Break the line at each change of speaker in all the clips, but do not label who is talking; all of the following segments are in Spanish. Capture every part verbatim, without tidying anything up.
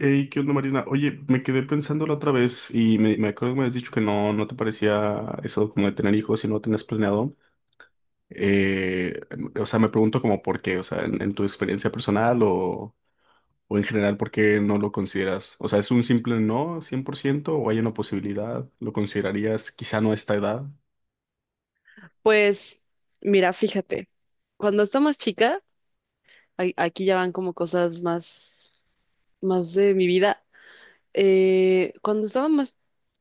Hey, ¿qué onda, Marina? Oye, me quedé pensando la otra vez y me, me acuerdo que me habías dicho que no, no te parecía eso como de tener hijos si no lo tenías planeado. Eh, o sea, me pregunto como por qué, o sea, en, en tu experiencia personal o, o en general, ¿por qué no lo consideras? O sea, ¿es un simple no cien por ciento o hay una posibilidad? ¿Lo considerarías quizá no a esta edad?
Pues mira, fíjate, cuando estaba más chica, ay- aquí ya van como cosas más, más de mi vida. Eh, cuando estaba más,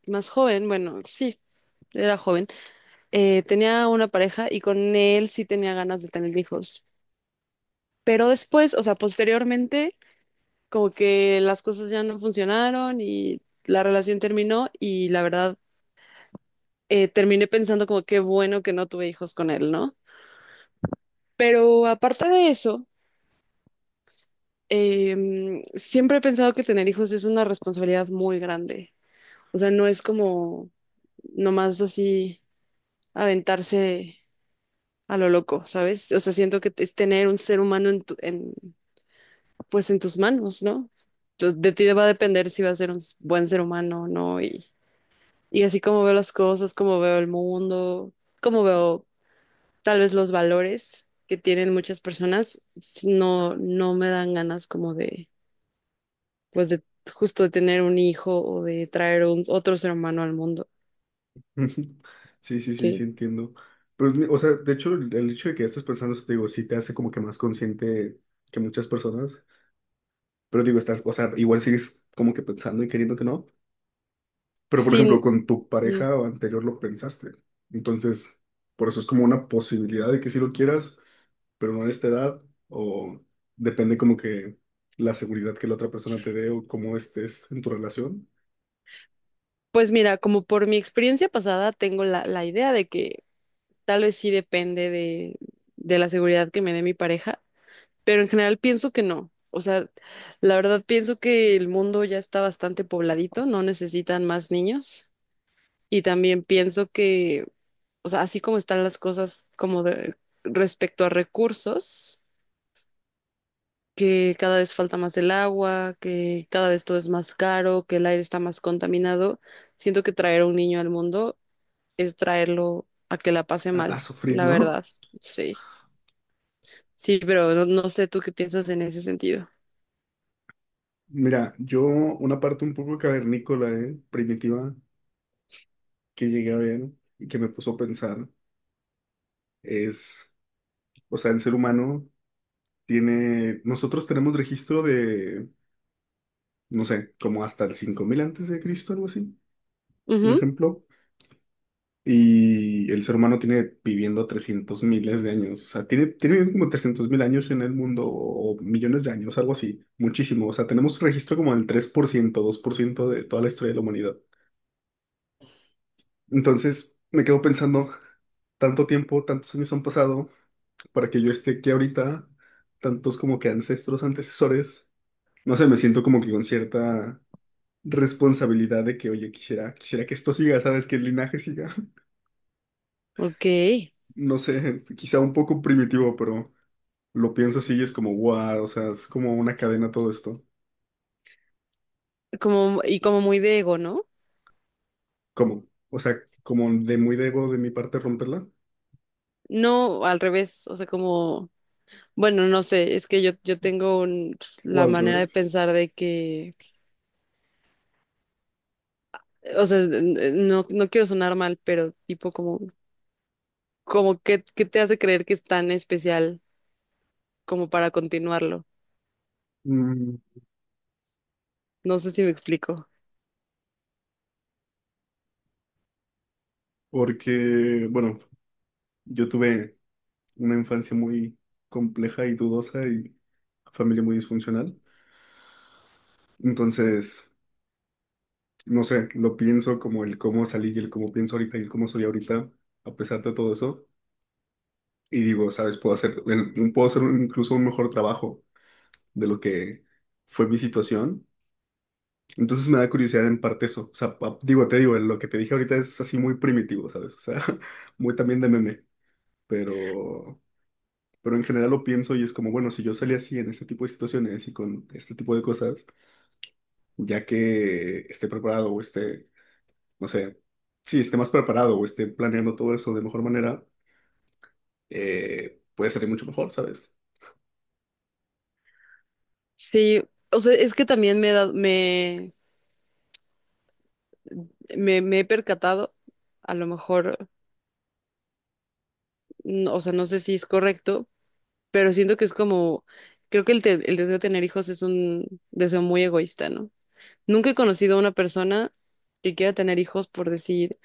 más joven, bueno, sí, era joven, eh, tenía una pareja y con él sí tenía ganas de tener hijos. Pero después, o sea, posteriormente, como que las cosas ya no funcionaron y la relación terminó y la verdad, eh, terminé pensando como qué bueno que no tuve hijos con él, ¿no? Pero aparte de eso... em, siempre he pensado que tener hijos es una responsabilidad muy grande. O sea, no es como nomás así aventarse a lo loco, ¿sabes? O sea, siento que es tener un ser humano en tu- en, pues en tus manos, ¿no? Tú- De ti va a depender si va a ser un s- buen ser humano o no. Y, y así como veo las cosas, como veo el mundo, como veo tal vez los valores que tienen muchas personas, s- no, no me dan ganas como de pues de justo de tener un hijo o de traer un, otro ser humano al mundo,
Ujú. Sí, sí, sí, sí,
¿sí?
entiendo. Pero, mi- o sea, de hecho, el, el hecho de que estés pensando eso, te digo, sí te hace como que más consciente que muchas personas. Pero digo, estás, o sea, igual sigues como que pensando y queriendo que no. Pero por
Sin,
ejemplo, con tu
mm,
pareja o anterior lo pensaste. Entonces, por eso es como una posibilidad de que sí lo quieras, pero no en esta edad. O depende como que la seguridad que la otra persona te dé o cómo estés en tu relación.
pues mira, como por mi experiencia pasada, tengo la, la idea de que tal vez sí depende de, de la seguridad que me dé mi pareja, pero en general pienso que no. O sea, la verdad pienso que el mundo ya está bastante pobladito, no necesitan más niños. Y también pienso que, o sea, así como están las cosas como de, respecto a recursos, que cada vez falta más el agua, que cada vez todo es más caro, que el aire está más contaminado. Siento que traer a un niño al mundo es traerlo a que la pase
A, a
mal,
sufrir,
la
¿no?
verdad. Sí, sí, pero no, no sé tú qué piensas en ese sentido.
Mira, yo una parte un poco cavernícola, ¿eh?, primitiva, que llegué a ver y que me puso a pensar es, o sea, el ser humano tiene, nosotros tenemos registro de no sé, como hasta el cinco mil antes de Cristo, algo así, un
Ujú.
ejemplo. Y el ser humano tiene viviendo trescientos miles de años, o sea, tiene, tiene viviendo como trescientos mil años en el mundo o millones de años, algo así, muchísimo. O sea, tenemos registro como del tres por ciento, dos por ciento de toda la historia de la humanidad. Entonces, me quedo pensando, tanto tiempo, tantos años han pasado para que yo esté aquí ahorita, tantos como que ancestros, antecesores. No sé, me siento como que con cierta responsabilidad de que, oye, quisiera, quisiera que esto siga, ¿sabes? Que el linaje siga.
Ok,
No sé, quizá un poco primitivo, pero lo pienso así y es como, wow, o sea, es como una cadena todo esto.
como, y como muy de ego, ¿no?
¿Cómo? O sea, como de muy debo de mi parte romperla,
No, al revés, o sea, como, bueno, no sé, es que yo, yo tengo un-
o
la
al
manera de
revés.
pensar de que, o sea, es- n- no, no quiero sonar mal, pero tipo como como que, qué te hace creer que es tan especial como para continuarlo.
Mm,
No sé si me explico.
Porque, bueno, yo tuve una infancia muy compleja y dudosa y familia muy disfuncional. Entonces, no sé, lo pienso como el cómo salí y el cómo pienso ahorita y el cómo soy ahorita, a pesar de todo eso. Y digo, ¿sabes? Puedo hacer, el- puedo hacer un- incluso un mejor trabajo de lo que fue mi situación. Entonces me da curiosidad en parte eso. O sea, pa- digo, te digo, lo que te dije ahorita es así muy primitivo, ¿sabes? O sea, muy también de meme. Pero, pero en general lo pienso y es como, bueno, si yo salí así en este tipo de situaciones y con este tipo de cosas, ya que esté preparado o esté, no sé, sí, esté más preparado o esté planeando todo eso de mejor manera, eh, puede salir mucho mejor, ¿sabes?
Sí, o sea, es que también me he dado- me, me, me he percatado, a lo mejor, no- o sea, no sé si es correcto, pero siento que es como, creo que el, te- el deseo de tener hijos es un deseo muy egoísta, ¿no? Nunca he conocido a una persona que quiera tener hijos por decir,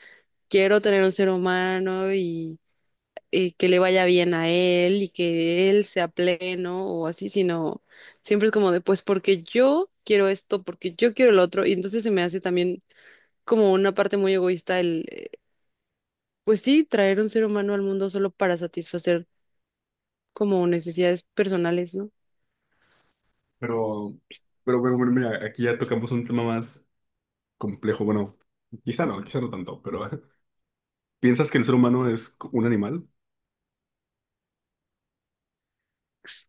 quiero tener un ser humano eh, que le vaya bien a él y que él sea pleno o así, sino siempre es como de, pues porque yo quiero esto, porque yo quiero lo otro, y entonces se me hace también como una parte muy egoísta el, eh, pues sí, traer un ser humano al mundo solo para satisfacer como necesidades personales, ¿no?
Pero, pero bueno, bueno, mira, aquí ya tocamos un tema más complejo. Bueno, quizá no, quizá no tanto, pero ¿piensas que el ser humano es un animal?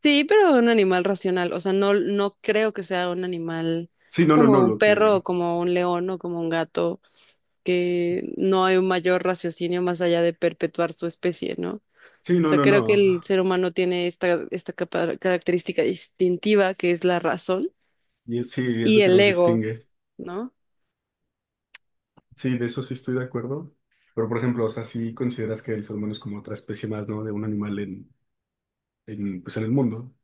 Sí, pero un animal racional, o sea, no, no creo que sea un animal
Sí, no, no, no,
como un
lo que...
perro o como un león o como un gato, que no hay un mayor raciocinio más allá de perpetuar su especie, ¿no? O
Sí, no,
sea,
no,
creo que
no.
el ser humano tiene esta, esta capa- característica distintiva que es la razón
Y sí, es
y
lo que
el
nos
ego,
distingue.
¿no?
Sí, de eso sí estoy de acuerdo. Pero, por ejemplo, o sea, sí consideras que el ser humano es como otra especie más, ¿no? De un animal en, en, pues en el mundo.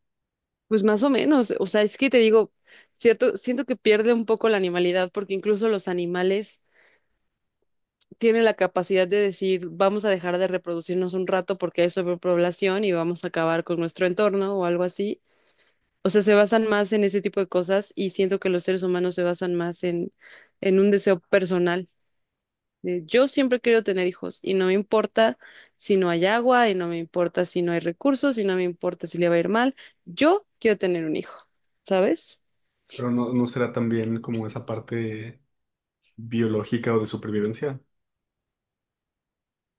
Pues más o menos, o sea, es que te digo, cierto, siento que pierde un poco la animalidad porque incluso los animales tienen la capacidad de decir, vamos a dejar de reproducirnos un rato porque hay sobrepoblación y vamos a acabar con nuestro entorno o algo así. O sea, se basan más en ese tipo de cosas y siento que los seres humanos se basan más en, en un deseo personal. Eh, Yo siempre he querido tener hijos y no me importa si no hay agua y no me importa si no hay recursos y no me importa si le va a ir mal. Yo quiero tener un hijo, ¿sabes?
Pero no, no será también como esa parte biológica o de supervivencia.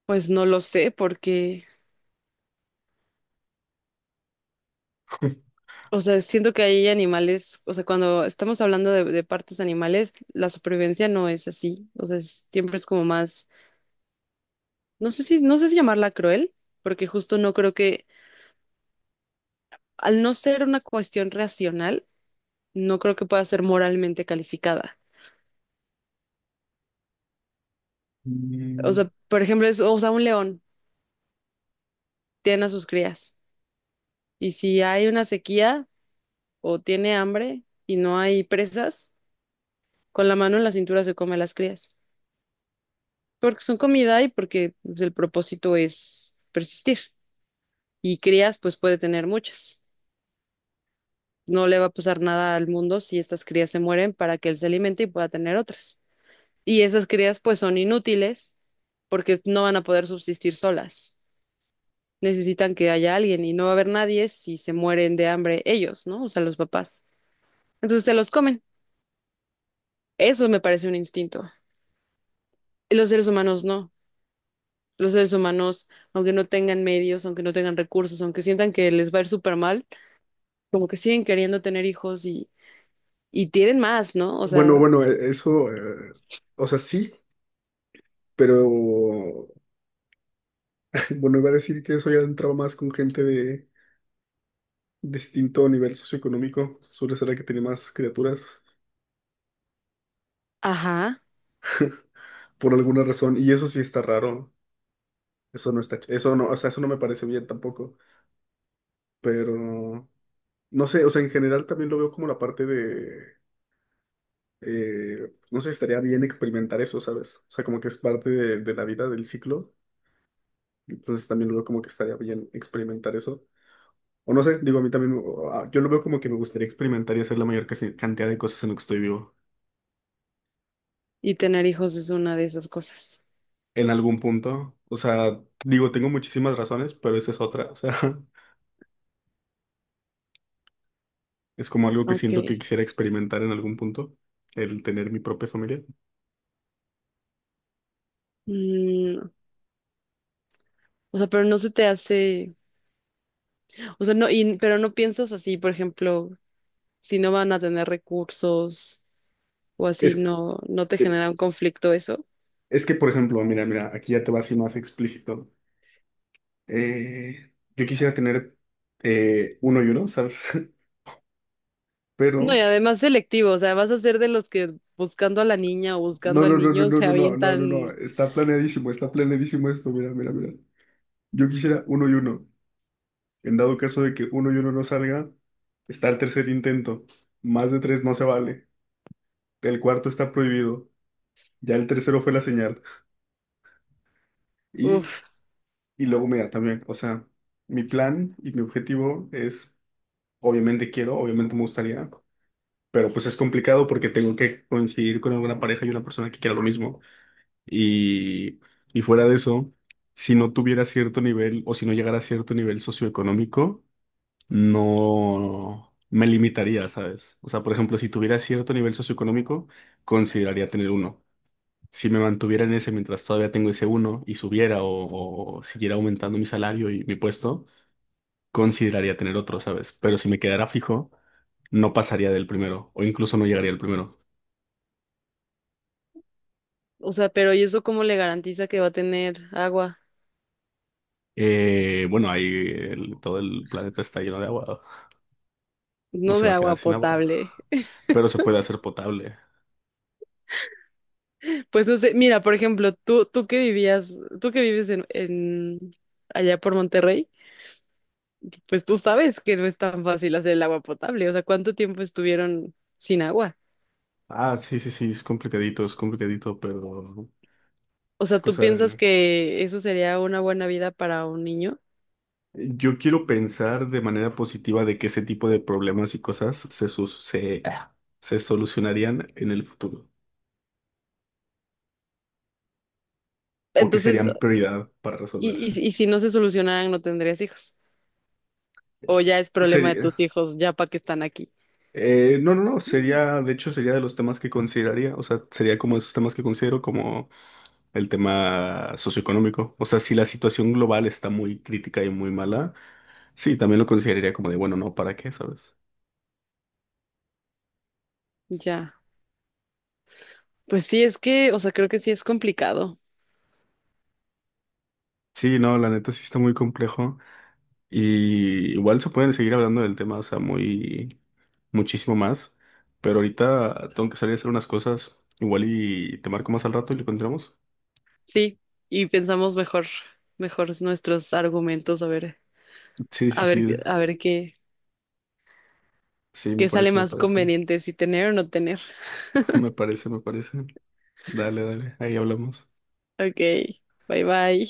Pues no lo sé porque, o sea, siento que hay animales, o sea, cuando estamos hablando de, de partes animales, la supervivencia no es así, o sea, es- siempre es como más, no sé si, no sé si llamarla cruel, porque justo no creo que, al no ser una cuestión racional, no creo que pueda ser moralmente calificada. O
Mm,
sea, por ejemplo, es, o sea, un león. Tienen a sus crías. Y si hay una sequía o tiene hambre y no hay presas, con la mano en la cintura se come las crías, porque son comida y porque pues, el propósito es persistir. Y crías, pues puede tener muchas. No le va a pasar nada al mundo si estas crías se mueren para que él se alimente y pueda tener otras. Y esas crías, pues son inútiles porque no van a poder subsistir solas. Necesitan que haya alguien y no va a haber nadie si se mueren de hambre ellos, ¿no? O sea, los papás. Entonces se los comen. Eso me parece un instinto. Y los seres humanos no. Los seres humanos, aunque no tengan medios, aunque no tengan recursos, aunque sientan que les va a ir súper mal, como que siguen queriendo tener hijos y, y tienen más, ¿no? O
Bueno,
sea,
bueno, e- eso, eh, o sea, sí, pero bueno, iba a decir que eso ya entraba más con gente de distinto nivel socioeconómico. Suele ser la que tiene más criaturas
ajá,
por alguna razón. Y eso sí está raro. Eso no está, ch- eso no, o sea, eso no me parece bien tampoco. Pero, no sé, o sea, en general también lo veo como la parte de, eh, no sé, estaría bien experimentar eso, ¿sabes? O sea, como que es parte de, de la vida, del ciclo. Entonces también lo veo como que estaría bien experimentar eso. O no sé, digo, a mí también, o- ah, yo lo veo como que me gustaría experimentar y hacer la mayor casi- cantidad de cosas en lo que estoy vivo,
y tener hijos es una de esas cosas.
en algún punto. O sea, digo, tengo muchísimas razones, pero esa es otra. O sea, es como algo que
Ok.
siento que quisiera experimentar en algún punto, el tener mi propia familia.
Mm, o sea, pero no se te hace, o sea, no, y, pero no piensas así, por ejemplo, si no van a tener recursos o así,
Es,
no, no te
eh,
genera un conflicto eso.
es que, por ejemplo, mira, mira, aquí ya te va así más explícito. Eh, yo quisiera tener eh, uno y uno, ¿sabes?
No,
Pero,
y además selectivo, o sea, vas a ser de los que buscando a la niña o
no,
buscando
no,
al
no, no,
niño
no,
se
no, no, no, no, no,
avientan,
está planeadísimo, está planeadísimo esto, mira, mira, mira. Yo quisiera uno y uno. En dado caso de que uno y uno no salga, está el tercer intento. Más de tres no se vale. El cuarto está prohibido. Ya el tercero fue la señal. Y,
uf,
y luego me da también. O sea, mi plan y mi objetivo es, obviamente quiero, obviamente me gustaría, pero pues es complicado porque tengo que coincidir con alguna pareja y una persona que quiera lo mismo. Y, y fuera de eso, si no tuviera cierto nivel o si no llegara a cierto nivel socioeconómico, no me limitaría, ¿sabes? O sea, por ejemplo, si tuviera cierto nivel socioeconómico, consideraría tener uno. Si me mantuviera en ese mientras todavía tengo ese uno y subiera o, o siguiera aumentando mi salario y mi puesto, consideraría tener otro, ¿sabes? Pero si me quedara fijo, no pasaría del primero o incluso no llegaría al primero.
o sea, pero ¿y eso cómo le garantiza que va a tener agua?
Eh, bueno, ahí el- todo el planeta está lleno de agua, no
No
se
de
va a quedar
agua
sin agua,
potable.
pero se puede hacer potable.
Pues no sé, mira, por ejemplo, tú, tú que vivías, tú que vives en, en allá por Monterrey, pues tú sabes que no es tan fácil hacer el agua potable, o sea, ¿cuánto tiempo estuvieron sin agua?
Ah, sí, sí, sí, es complicadito, es complicadito, pero
O
es
sea, ¿tú
cosa
piensas
de...
que eso sería una buena vida para un niño?
Yo quiero pensar de manera positiva de que ese tipo de problemas y cosas se, su- se, ah, se solucionarían en el futuro o que
Entonces,
serían prioridad para
y,
resolverse.
y, y si no se solucionaran, no tendrías hijos. O ya es problema de
Sería...
tus hijos, ya para que están aquí.
eh, no, no, no, sería, de hecho, sería de los temas que consideraría, o sea, sería como esos temas que considero como el tema socioeconómico. O sea, si la situación global está muy crítica y muy mala, sí, también lo consideraría como de, bueno, no, ¿para qué? ¿Sabes?
Ya. Pues sí, es que, o sea, creo que sí es complicado.
Sí, no, la neta sí está muy complejo. Y igual se pueden seguir hablando del tema, o sea, muy, muchísimo más. Pero ahorita tengo que salir a hacer unas cosas. Igual y te marco más al rato y lo encontramos.
Sí, y pensamos mejor, mejor nuestros argumentos, a ver,
Sí, sí,
a ver,
sí.
a ver qué,
Sí, me
qué sale
parece, me
más
parece.
conveniente, si tener o no tener.
Me parece, me parece. Dale, dale. Ahí hablamos.
Ok, bye bye.